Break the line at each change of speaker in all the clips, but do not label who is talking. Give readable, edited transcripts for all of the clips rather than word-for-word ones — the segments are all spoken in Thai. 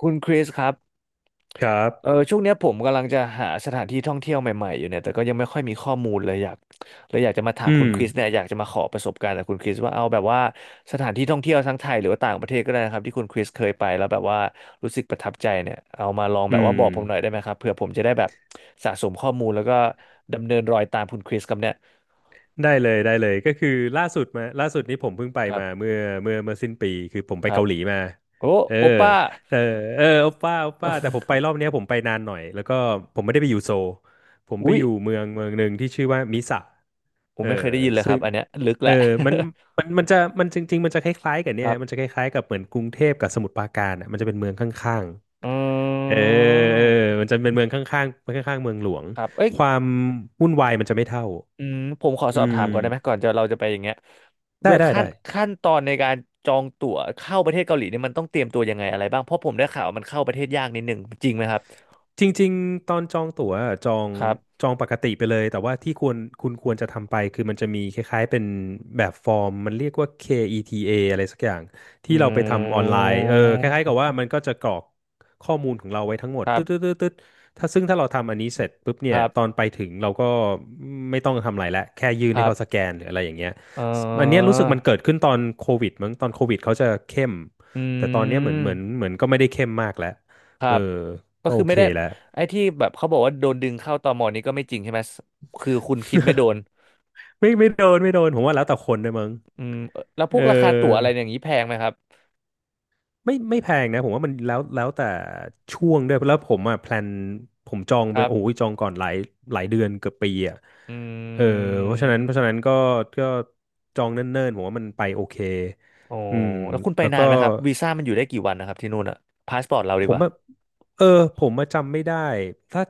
คุณคริสครับ
ครับ
ช่วงเนี้ยผมกำลังจะหาสถานที่ท่องเที่ยวใหม่ๆอยู่เนี่ยแต่ก็ยังไม่ค่อยมีข้อมูลเลยอยากจะมาถาม
อื
คุณ
ม
คริสเนี่ยอยากจะมาขอประสบการณ์จากคุณคริสว่าเอาแบบว่าสถานที่ท่องเที่ยวทั้งไทยหรือว่าต่างประเทศก็ได้นะครับที่คุณคริสเคยไปแล้วแบบว่ารู้สึกประทับใจเนี่ยเอามาลอง
อื
แบบว่า
ม
บอกผมหน่อยได้ไหมครับเผื่อผมจะได้แบบสะสมข้อมูลแล้วก็ดำเนินรอยตามคุณคริสครับเนี่ย
ได้เลย ได้เลยก็คือล่าสุดนี้ผมเพิ่งไป
ครั
มา
บ
เมื่อสิ้นปีคือผม
ค
ไป
รับ
เกาหลีมา
โอ้
เออ
โอป้า
แต่โอปป้าโอปป้า แต่ผ มไปรอบเนี้ยผมไปนานหน่อย แล้วก็ผมไม่ได้ไปอยู่โซลผมไป
อุ๊ย
อยู่เมืองหนึ่งที่ชื่อว่ามิสะ
ผ
เอ
ม
อ
ไม่เคยได้ยินเลยค
ซึ่
รั
ง
บอันเนี้ยลึก
เอ
แห
อ
ละ
มันมันจริงๆมันจะ
ครับ
คล้ายๆกับเหมือนกรุงเทพกับสมุทรปราการอ่ะมันจะเป็นเมืองข้าง
อ
ๆ
ื
เออเออมั
ม
นจะเป็นเมืองข้างๆข้างๆเมืองหลวง
ครับเอ้ย
ความวุ่นวายมันจะไม่เท่า
อืมผมขอสอ
อื
บถามก่อ
ม
นได้ไหมก่อนจะเราจะไปอย่างเงี้ยเว
ได้
ลา
ได้
ขั้น
ได้
ขั้นตอนในการจองตั๋วเข้าประเทศเกาหลีเนี่ยมันต้องเตรียมตัวยังไงอะไรบ้างเพราะผมได้ข่าวมันเข้าประเทศยากนิดหนึ่งจริงไหมครับ
จริงๆตอนจองตั๋วอะ
ครับ
จองปกติไปเลยแต่ว่าที่ควรคุณควรจะทำไปคือมันจะมีคล้ายๆเป็นแบบฟอร์มมันเรียกว่า KETA อทีเออะไรสักอย่าง
อื
ที่เราไปทำออนไลน์เออคล้ายๆกับ
ม
ว่ามันก็จะกรอกข้อมูลของเราไว้ทั้งหม
ค
ด
รั
ตึ๊ดตึ๊ด
บ
ตึ๊ดตึ๊ดซึ่งถ้าเราทำอันนี้เสร็จปุ๊บเนี่
ค
ย
รั
ตอน
บ
ไปถึงเราก็ไม่ต้องทำอะไรละแค่ยื่น
ค
ให้
รั
เขาสแก
บ
นหรืออะไรอย่างเงี้ย
เอ
อันเนี้ย
อ
รู้สึกมันเกิดขึ้นตอนโควิดมั้งตอนโควิดเขาจะเข้ม
อื
แต่ตอนเนี้ยเหมือนเหมือน
ม
เหมือนก็ไม่ได้เข้มมากแล้ว
ครั
เออ
บก็
ก็
คื
โอ
อไม่
เค
ได้
แล้ว
ไอ้ที่แบบเขาบอกว่าโดนดึงเข้าตมนี้ก็ไม่จริงใช่ไหมคือคุณคิดไม่โดน
ไม่ไม่โดนไม่โดนผมว่าแล้วแต่คนด้วยมั้ง
อืมแล้วพ
เอ
วกราคาตั๋วอะไร
อ
อย่างนี้แพงไหมครับ
ไม่ไม่แพงนะผมว่ามันแล้วแต่ช่วงด้วยแล้วผมอ่ะแพลนผมจอง
ค
ไป
รั
โอ้ย
บ
จองก่อนหลายเดือนเกือบปีอ่ะ
อื
เออเพราะฉะนั้นเพราะฉะนั้น
ม
ก็จองเนิ่นๆผมว่ามันไปโอเค
โอ้
อืม
แล้วคุณไป
แล้ว
นา
ก็
นไหมครับวีซ่ามันอยู่ได้กี่วันนะครับที่นู่นอะพาสปอร์ตเรา
ผ
ดีก
ม
ว่า
อ่ะเออผมมาจำไม่ได้ถ้า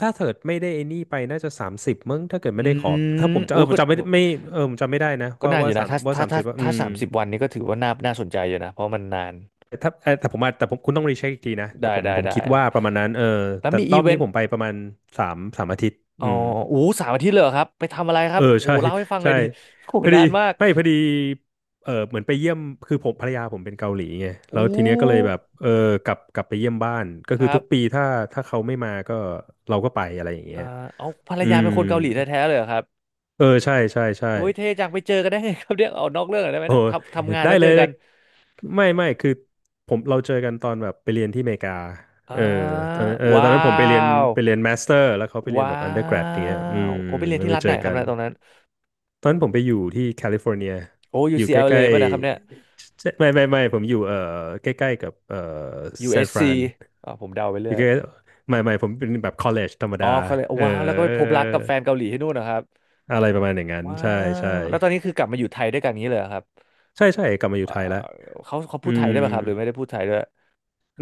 ถ้าเกิดไม่ได้ไอ้นี่ไปน่าจะสามสิบมั้งถ้าเกิด
อื
ไม่ได้ขอถ้า
ม
ผมจะเอ
อู้
อผ
ก็
มจำไม่ไไม่เออผมจำไม่ได้นะ
ก็
ว่า
นานอ
ว่า
ยู่
สา
นะ
ม
ถ้า
ว่า
ถ้า
สามสิ
ถ้า
บว่าอื
ถ้า
ม
30 วันนี้ก็ถือว่าน่าน่าสนใจอยู่นะเพราะมันนาน
ถ้าเอ่อแต่ผมอาจแต่ผมคุณต้องรีเช็คอีกทีนะแต่
ได้
ผม
ได้
ผม
ได้
คิด
ครับ
ว่าประมาณนั้นเออ
แล้ว
แต่
มี
ร
อี
อบ
เว
นี้
น
ผ
ต์
มไปประมาณสามอาทิตย์
อ๋อ
อืม
อู้สามอาทิตย์เลยเหรอครับไปทำอะไรครั
เอ
บ
อ
โห
ใช่
เล่าให้ฟังหน่
ใช่
อยดิ โห
พอดี
นานมาก
ไม่พอดีเออเหมือนไปเยี่ยมคือผมภรรยาผมเป็นเกาหลีไงแล้
อู้
วทีเนี้ยก็เลยแบบเออกลับไปเยี่ยมบ้านก็
ค
คือ
รั
ทุ
บ
กปีถ้าเขาไม่มาก็เราก็ไปอะไรอย่างเงี้
อ่า
ย
เอาภรร
อื
ยา
ม
เป็นคนเกาหลีแท้ๆเลยเหรอครับ
เออใช่ใช่ใช่
โอ้ยเท่จังไปเจอกันได้ไงครับเรียกเอานอกเรื่องหน่อยได้ไหม
โอ้
เนะทำงาน
ได้
แล้ว
เล
เจอ
ย
กั
ได้
น
ไม่ไม่คือเราเจอกันตอนแบบไปเรียนที่อเมริกา
อ่า
เออตอ
ว้า
นนั้นผมไปเรียน
ว
มาสเตอร์แล้วเขาไปเรียน
ว้า
แบบอันเดอร์แกรดอย่างเงี้ยอื
ว
ม
โอ้ไปเรียน
แล้ว
ที่
ไป
รัฐ
เจ
ไหน
อ
ครับ
กัน
เนี่ยตรงนั้น
ตอนนั้นผมไปอยู่ที่แคลิฟอร์เนีย
โอ้
อยู่ใก
UCLA
ล้
ป่ะเนะครับเนี่ย
ๆไม่ผมอยู่เออใกล้ๆกับเออซานฟ
USC
รา
อสซี
น
ผมเดาไป
อ
เรื่
ยู่
อย
ใกล้ๆไม่ผมเป็นแบบคอลเลจธรรม
อ๋
ดา
อเขาเลย
เออ
ว้าวแล้วก็ไป
เออ
พบรักกับแฟนเกาหลีที่นู่นนะครับ
อะไรประมาณอย่างนั้น
ว้า
ใช่ใช่
วแล้วตอนนี้คือกลับมาอยู่ไทยด้วยกันอย่างนี้เลยเหรอครับ
ใช่ใช่กลับมาอยู่
อ่า
ไทยแล้ว
เขาเขาพู
อื
ดไทย
ม
ได้ป่ะครับหรือไม่ได้พูดไทยด้วย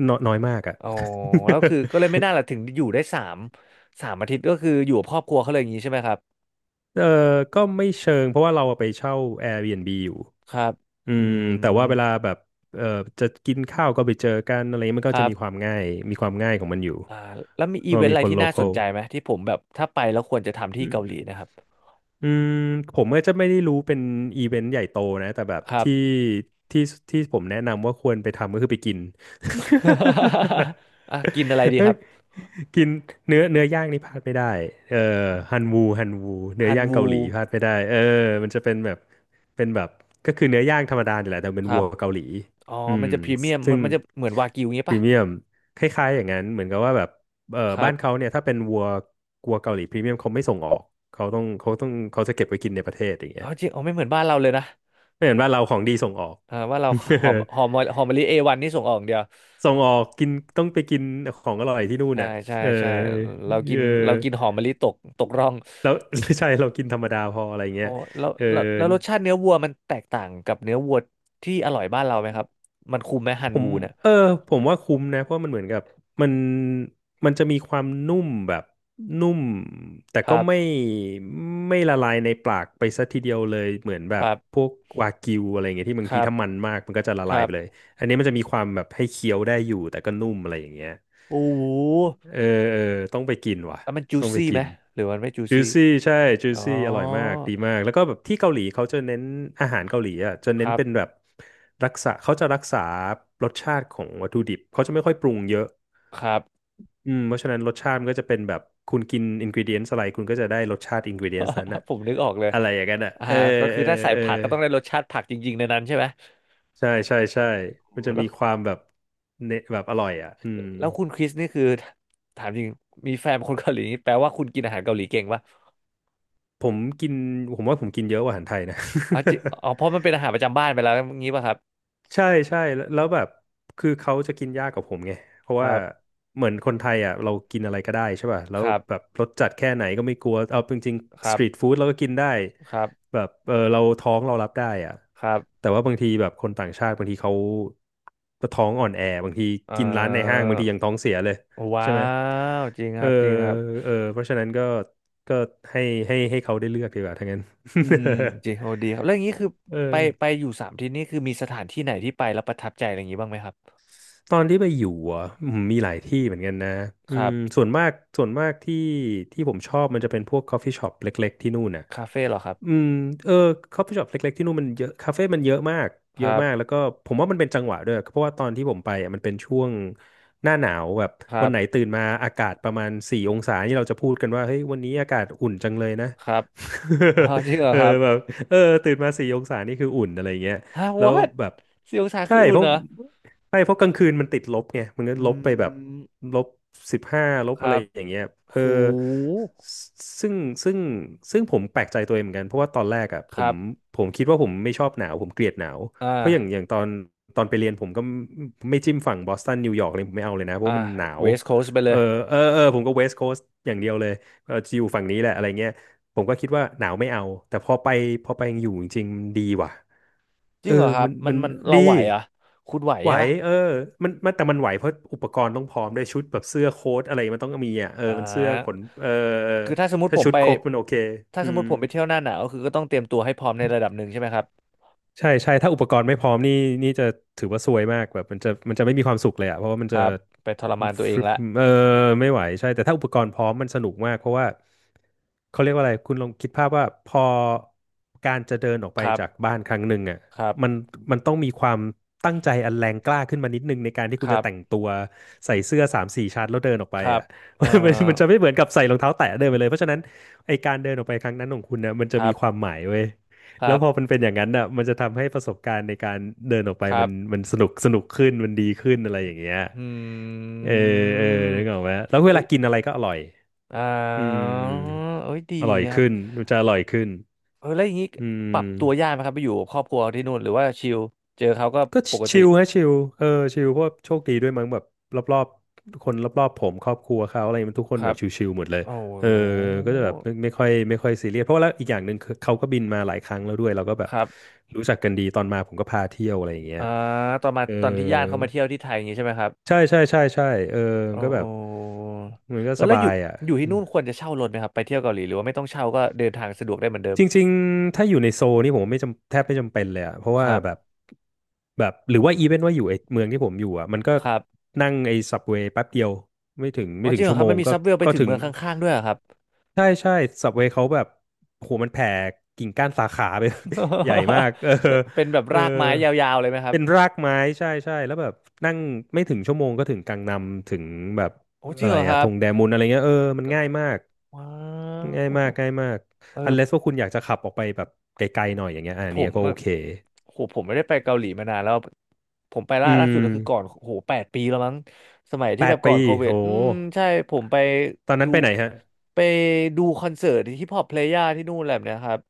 น้อยน้อยมากอ่ะ
อ๋อแล้ วคือก็เลยไม่น่าล่ะถึงอยู่ได้3 อาทิตย์ก็คืออยู่กับครอบครัวเขาเลยอย่างนี้ใช่ไหมครับ
เออก็ไม่เชิงเพราะว่าเราไปเช่า Airbnb อยู่
ครับ
อื
อื
มแต่ว่า
ม
เวลาแบบเออจะกินข้าวก็ไปเจอกันอะไรมัน
ค
ก็
รั
จะ
บ
มีความง่ายของมันอยู่
อ่าแล้วมีอี
ก็
เวนต์
มี
อะไร
คน
ที่
โล
น่า
ค
ส
อ
น
ล
ใจไหมที่ผมแบบถ้าไปแล้วควรจะทำที่เกาหลีนะครับ
อืมผมก็จะไม่ได้รู้เป็นอีเวนต์ใหญ่โตนะแต่แบบ
ครับ
ที่ที่ผมแนะนำว่าควรไปทำก็คือไปกิน
อ่ะกินอะไร ดีค
เฮ้ย
รับ
กินเนื้อย่างนี่พลาดไม่ได้เออฮันวูฮันวูเนื้
ฮั
อ
น
ย่างเกา
วู
หลีพลาดไม่ได้เออมันจะเป็นแบบก็คือเนื้อย่างธรรมดาเนี่ยแหละแต่เป็
ค
น
รั
วั
บ
วเกาหลี
อ๋อ
อื
มัน
ม
จะพรีเมียมมั
ซึ่
น
ง
มันจะเหมือนวากิวอย่างเี้
พรี
ปะ
เมียมคล้ายๆอย่างนั้นเหมือนกับว่าแบบ เอ่อ
ครั
บ้า
บ
นเขาเนี่ยถ้าเป็นวัวเกาหลีพรีเมียมเขาไม่ส่งออกเขาจะเก็บไว้กินในประเทศอย่าง
อ๋
เงี้
อ
ย
จริงอ๋อไม่เหมือนบ้านเราเลยนะ
ไม่เห็นว่าเราของดีส่งออก
อ่าว่าเราหอมหอมหอมมะลิเอวันนี่ส่งออกอย่างเดียว
ส่งออกกินต้องไปกินของอร่อยที่นู่น
ใช่
น่ะ
ใช่
เออ
ใช่เรากิ
เอ
น
อ
เรากินหอมมะลิตกตกร่อง
แล้ว ใช่เรากินธรรมดาพออะไร
อ๋
เงี้
อ
ย
แล้ว
เออ
แล้วแล้วรสชาติเนื้อวัวมันแตกต่างกับเนื้อวัวที่อร่อยบ้านเราไหมครับมันคุ้มไหมฮั
ผ
น
ม
วูเนี่ย
เออผมว่าคุ้มนะเพราะมันเหมือนกับมันมันจะมีความนุ่มแบบนุ่มแต่
ค
ก็
รับ
ไม่ละลายในปากไปซะทีเดียวเลยเหมือนแบ
ค
บ
รับ
พวกวากิวอะไรเงี้ยที่บา
ค
งที
รับ
ถ้ามันมากมันก็จะละ
ค
ลาย
รั
ไปเลย
บ
อันนี้มันจะมีความแบบให้เคี้ยวได้อยู่แต่ก็นุ่มอะไรอย่างเงี้ย
โอ้โห
เออเออต้องไปกินว่ะ
แล้วมันจู
ต้องไป
ซี่
กิ
ไหม
น
หรือมันไม่จู
จู
ซี่
ซี่ใช่จู
อ๋อ
ซี่อร่อยมากดีมากแล้วก็แบบที่เกาหลีเขาจะเน้นอาหารเกาหลีอ่ะจะ
ค
เน้น
รับ
เป็นแบบรักษาเขาจะรักษารสชาติของวัตถุดิบเขาจะไม่ค่อยปรุงเยอะ
ครับ
เพราะฉะนั้นรสชาติมันก็จะเป็นแบบคุณกินอินก e เดียน s อะไรคุณก็จะได้รสชาติอินก e เดียน s นั้นอะ
ผมนึกออกเลย
อะไรอย่างนั้นอะ
อ่า
เออ
ก็
เอ
คือ
อ
ถ้าใส่
เออ
ผักก็ต้องได้รสชาติผักจริงๆในนั้นใช่ไหม
ใช่ใช่ใช่มัน
โอ้
จะ
แล้
มี
ว
ความแบบเนแบบอร่อยอ่ะอืม
แล้วคุณคริสนี่คือถามจริงมีแฟนเป็นคนเกาหลีนี่แปลว่าคุณกินอาหารเกาหลีเก่งปะ
ผมกินผมว่าผมกินเยอะกว่าอาหารไทยนะ
อ๋อจิอ๋อเพ ราะมันเป็นอาหารประจำบ้านไปแล้วงี้ป่ะครับ
ใช่ใช่แล้วแบบคือเขาจะกินยากกว่าผมไงเพราะ
ค
ว่า
รับ
เหมือนคนไทยอ่ะเรากินอะไรก็ได้ใช่ป่ะแล้
ค
ว
รั
แบบ
บ
รสจัดแค่ไหนก็ไม่กลัวเอาจริง
ค
ๆส
รั
ต
บ
รีทฟู้ดเราก็กินได้
ครับ
แบบเออเราท้องเรารับได้อ่ะ
ครับ
แต่ว่าบางทีแบบคนต่างชาติบางทีเขาท้องอ่อนแอบางที
เอ่
กินร้านในห้าง
อ
บางทียังท้องเสียเลย
ว้า
ใช่ไหม
วจริง
เอ
ค
อ
รับจริงครับ
เออเพราะฉะนั้นก็ให้ให้เขาได้เลือกดีกว่าทั้างนั้น
อืมจริงโอ้ดีครับแล้วอย่างนี้คือ ไป
เออ
ไปอยู่สามที่นี่คือมีสถานที่ไหนที่ไปแล้วประทับใจอะไรอย่างนี้บ้างไหมครับ
ตอนที่ไปอยู่อ่ะอืมมีหลายที่เหมือนกันนะอื
ครั
ม
บ
ส่วนมากส่วนมากที่ผมชอบมันจะเป็นพวก coffee shop เล็กๆที่นู่นน่ะ
คาเฟ่เหรอครับ
อืมเออ coffee shop เล็กๆที่นู่นมันเยอะคาเฟ่มันเยอะมาก
ค
เยอะ
รับ
มากแล้วก็ผมว่ามันเป็นจังหวะด้วยเพราะว่าตอนที่ผมไปอ่ะมันเป็นช่วงหน้าหนาวแบบ
ครั
วันไหน
บ
ตื่นมาอากาศประมาณสี่องศานี่เราจะพูดกันว่าเฮ้ยวันนี้อากาศอุ่นจังเลยนะ
ครับ อ๋อจริงเหร
เอ
อ
อ
ครับ
แบบเออตื่นมาสี่องศานี่คืออุ่นอะไรเงี้ย
ฮะ
แล้ว
what
แบบ
4 องศา
ใช่
คืออุ่
เพ
น
ราะ
เหรอ
ใช่เพราะกลางคืนมันติดลบไงมันก็
อื
ลบไปแบบ
ม
ลบ15ลบ
ค
อะไร
รับ
อย่างเงี้ยเออ
หู
ซึ่งซึ่งซึ่งผมแปลกใจตัวเองเหมือนกันเพราะว่าตอนแรกอ่ะผ
ครั
ม
บ
ผมคิดว่าผมไม่ชอบหนาวผมเกลียดหนาว
อ่
เพราะอย่างอ
า
ย่างตอนไปเรียนผมก็ไม่จิ้มฝั่งบอสตันนิวยอร์กเลยผมไม่เอาเลยนะเพราะ
อ่า
ว่ามันหนา
w
ว
e s ์ c o a s ไปเล
เออ
ย
เออเออผมก็เวสต์โคสต์อย่างเดียวเลยเออจะอยู่ฝั่งนี้แหละอะไรเงี้ยผมก็คิดว่าหนาวไม่เอาแต่พอไปอยู่จริงๆมันดีว่ะ
จ
เอ
ริ
อ
งเหรอครั
มั
บ
น
มั
มั
น
น
มัน
ดี
เราไหวเหรอ่ะคุณไหว
ไหว
ใช่ปะ
เออมันมันแต่มันไหวเพราะอุปกรณ์ต้องพร้อมด้วยชุดแบบเสื้อโค้ทอะไรมันต้องมีอ่ะเออ
อ่
มันเสื้อข
า
นเออเออ
คือถ้าสมมติ
ถ้า
ผม
ชุด
ไป
ครบมันโอเค
ถ้า
อื
สมม
ม
ติผมไปเที่ยวหน้าหนาวก็คือก็ต้องเตรียมตัวให้พร้อมในระดับหนึ่งใช่ไหมครับ
ใช่ใช่ถ้าอุปกรณ์ไม่พร้อมนี่จะถือว่าซวยมากแบบมันจะไม่มีความสุขเลยอ่ะเพราะว่ามัน
ค
จะ
รับไปทรมานตัว
ฟ
เอง
รึ
ละ
เออไม่ไหวใช่แต่ถ้าอุปกรณ์พร้อมมันสนุกมากเพราะว่าเขาเรียกว่าอะไรคุณลองคิดภาพว่าพอการจะเดินออกไป
ครั
จาก
บ
บ้านครั้งหนึ่งอ่ะ
ครับ
มันมันต้องมีความตั้งใจอันแรงกล้าขึ้นมานิดนึงในการที่
ค
คุณ
รั
จะ
บ
แต่งตัวใส่เสื้อ3-4 ชั้นแล้วเดินออกไป
ครับ
อ่ะ
เอ่อ
มันจะไม่เหมือนกับใส่รองเท้าแตะเดินไปเลยเพราะฉะนั้นไอการเดินออกไปครั้งนั้นของคุณนะมัน
ค
จะ
รั
มีความ
บ
หมายเว้ย
ครั
แล้วพอมัน
บ
เป็นอย่างนั้นอ่ะมันจะทำให้ประสบการณ์ในการเดินออกไป
ครับ
มันสนุกสนุกขึ้นมันดีขึ้นอะไรอย่างเงี้ย
อื
เออเออนึ
ม
กออกไหมแล้วเวลากินอะไรก็อร่อย
อ๋อ
อืม
เอ้ยดี
อร่อย
นะครับ
ขึ้นมันจะอร่อยขึ้น
เออแล้วอย่างนี้
อื
ปรับตัวยาก
ม
ไหมครับไปอยู่กับครอบครัวที่นู่นหรือว่าชิลเจอเขาก็
ก็
ปก
ชิ
ติ
ลฮะชิลเออชิลเพราะว่าโชคดีด้วยมั้งแบบรอบๆคนรอบๆผมครอบครัวเขาอะไรมันทุกค
ค
นแบ
รั
บ
บ
ชิลๆหมดเลย
โอ้โ
เออ
ห
ก็จะแบบไม่ไม่ค่อยซีเรียสเพราะว่าแล้วอีกอย่างหนึ่งคือเขาก็บินมาหลายครั้งแล้วด้วยเราก็แบบ
ครับ
รู้จักกันดีตอนมาผมก็พาเที่ยวอะไรอย่างเงี้ย
อ่าตอนมา
เออ
ตอนที่ญาติเขามาเที่ยวที่ไทยอย่างนี้ใช่ไหมครับ
ใช่ใช่ใช่ใช่เออ
โอ้
ก็แบ
โห
บมันก็
เออ
ส
แล้วอ
บา
ยู่
ยอ่ะ
อยู่ที่นู่นควรจะเช่ารถไหมครับไปเที่ยวเกาหลีหรือว่าไม่ต้องเช่าก็เดินทางสะดวกได้เหมือนเดิม
จริงๆ ถ้าอยู่ในโซลนี่ผมไม่จำแทบไม่จำเป็นเลยอะเพราะ
ค
ว่า
รับ
แบบแบบหรือว่าอีเวนว่าอยู่ไอ้เมืองที่ผมอยู่อะมันก็
ครับ
นั่งไอ้ซับเวย์แป๊บเดียว
อ๋
ไม่
อจ
ถึ
ริ
ง
งเหรอ
ชั่ว
ครั
โม
บมั
ง
นมี
ก็
ซับเวลไป
ก็
ถึง
ถึง
เมืองข้างๆด้วยเหรอครับ
ใช่ใช่ซับเวย์เขาแบบโหมันแผ่กิ่งก้านสาขาไป ใหญ่มากเออ
เป็นแบบ
เออ
รากไม้ยาวๆเลยไหมครับ
เป็นรากไม้ใช่ใช่แล้วแบบนั่งไม่ถึงชั่วโมงก็ถึงกังนัมถึงแบบ
โอ้จริ
อะ
ง
ไร
เหรอค
อะ
รั
ธ
บ
งแดมุนอะไรเงี้ยเออมันง่ายมาก
ว้า
ง่า
ว
ยมากง่ายมาก
เออ
อันเลสว่าคุณอยากจะขับออกไปแบบไกลๆหน่อยอย่างเงี้ยอะ
ผ
อันเนี้ย
ม
ก็โอเค
โหผมไม่ได้ไปเกาหลีมานานแล้วผมไป
อื
ล่าล่า
ม
สุดก็คือก่อนโห8 ปีแล้วมั้งสมัย
แป
ที่แบ
ด
บก่อ
ปี
นโควิ
โห
ดอืมใช่ผม
ตอนนั้
ดู
นไปไหนฮะ
ไปดูคอนเสิร์ตฮิปฮอปเพลย่าที่นู่นแหละเนี่ยครับ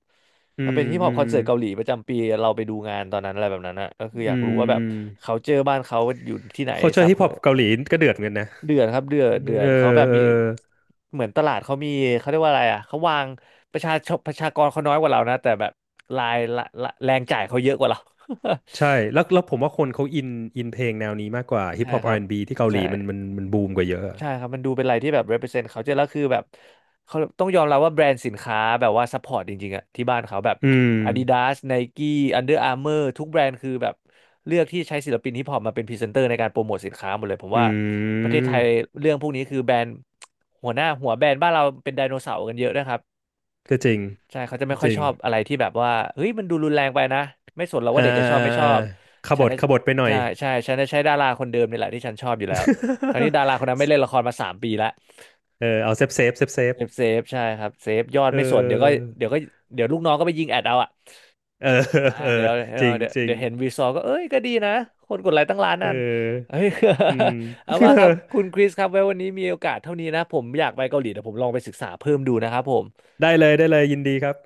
อื
มัน
ม
เป็นฮิปฮอ
อื
ปค
ม
อนเสิร์ตเกาหลีประจำปีเราไปดูงานตอนนั้นอะไรแบบนั้นนะก็คืออ
อื
ยากรู้
ม
ว่าแบ
อื
บ
ม
เขาเจอบ้านเขาอยู่ที่ไหนซั
culture
บ
hip
เขา
hop เกาหลีก็เดือดเหมือนกันนะ
เดือดครับเดือดเดือ
เอ
ดเขา
อ
แบบ
เออ
มีเหมือนตลาดเขามีเขาเรียกว่าอะไรอ่ะเขาวางประชาชนประชากรเขาน้อยกว่าเรานะแต่แบบรายละแรงจ่ายเขาเยอะกว่าเรา
ใช่แล้ว แล้วผมว่าคนเขาอินเพลงแนวนี้มากกว่าฮิ
ใช่
ปฮอป
ค
อา
รั
ร์
บ
แอนด์บีที่เกาหลี
ใช่
มันมันบูมกว่าเยอะ
ใช่ครับมันดูเป็นอะไรที่แบบ represent เขาเจอแล้วคือแบบเขาต้องยอมรับว่าแบรนด์สินค้าแบบว่า support จริงๆอะที่บ้านเขาแบบ
อืม
Adidas Nike Under Armour ทุกแบรนด์คือแบบเลือกที่ใช้ศิลปินฮิปฮอปมาเป็นพรีเซนเตอร์ในการโปรโมทสินค้าหมดเลยผม
อื
ว่าประเทศไทย
ม
เรื่องพวกนี้คือแบรนด์หัวหน้าหัวแบรนด์บ้านเราเป็นไดโนเสาร์กันเยอะนะครับ
ก็จริง
ใช่เขาจะไม่
ก็
ค่
จ
อย
ริ
ช
ง
อบอะไรที่แบบว่าเฮ้ยมันดูรุนแรงไปนะไม่สนหรอก
อ่า
ว่าเด็กจะชอบ
อ่า
ไม่ช
อ่า
อ
อ่า
บ
ข
ฉั
บ
น
ถ
น่ะ
ขบถไปหน่อ
ใช่
ย
ใช่ฉันจะใช้ดาราคนเดิมนี่แหละที่ฉันชอบอยู่แล้วทั้งที่ดาราคน นั้นไม่เล่นละครมา3 ปีแล้ว
เออเอาเซฟเซฟเซฟเซฟ
เซฟเซฟใช่ครับเซฟยอด
เอ
ไม่สน
อ
เดี๋ยวก็เดี๋ยวลูกน้องก็ไปยิงแอดเอาอ่ะ
เออ
อ่า
เออ
เดี๋ยวเออ
จริง
เดี๋ยว
จริง
เดี๋ยวเห็นวีซอก็เอ้ยก็ดีนะคนกดไลค์ตั้ง1 ล้าน
เอ
นั่นเฮ้
อ
ย
อืม
เอาว่าครับคุณคริสครับไว้วันนี้มีโอกาสเท่านี้นะผมอยากไปเกาหลีแต่ผมลองไปศึกษาเพิ่มดูนะครับผม
ได้เลยได้เลยยินดีครับ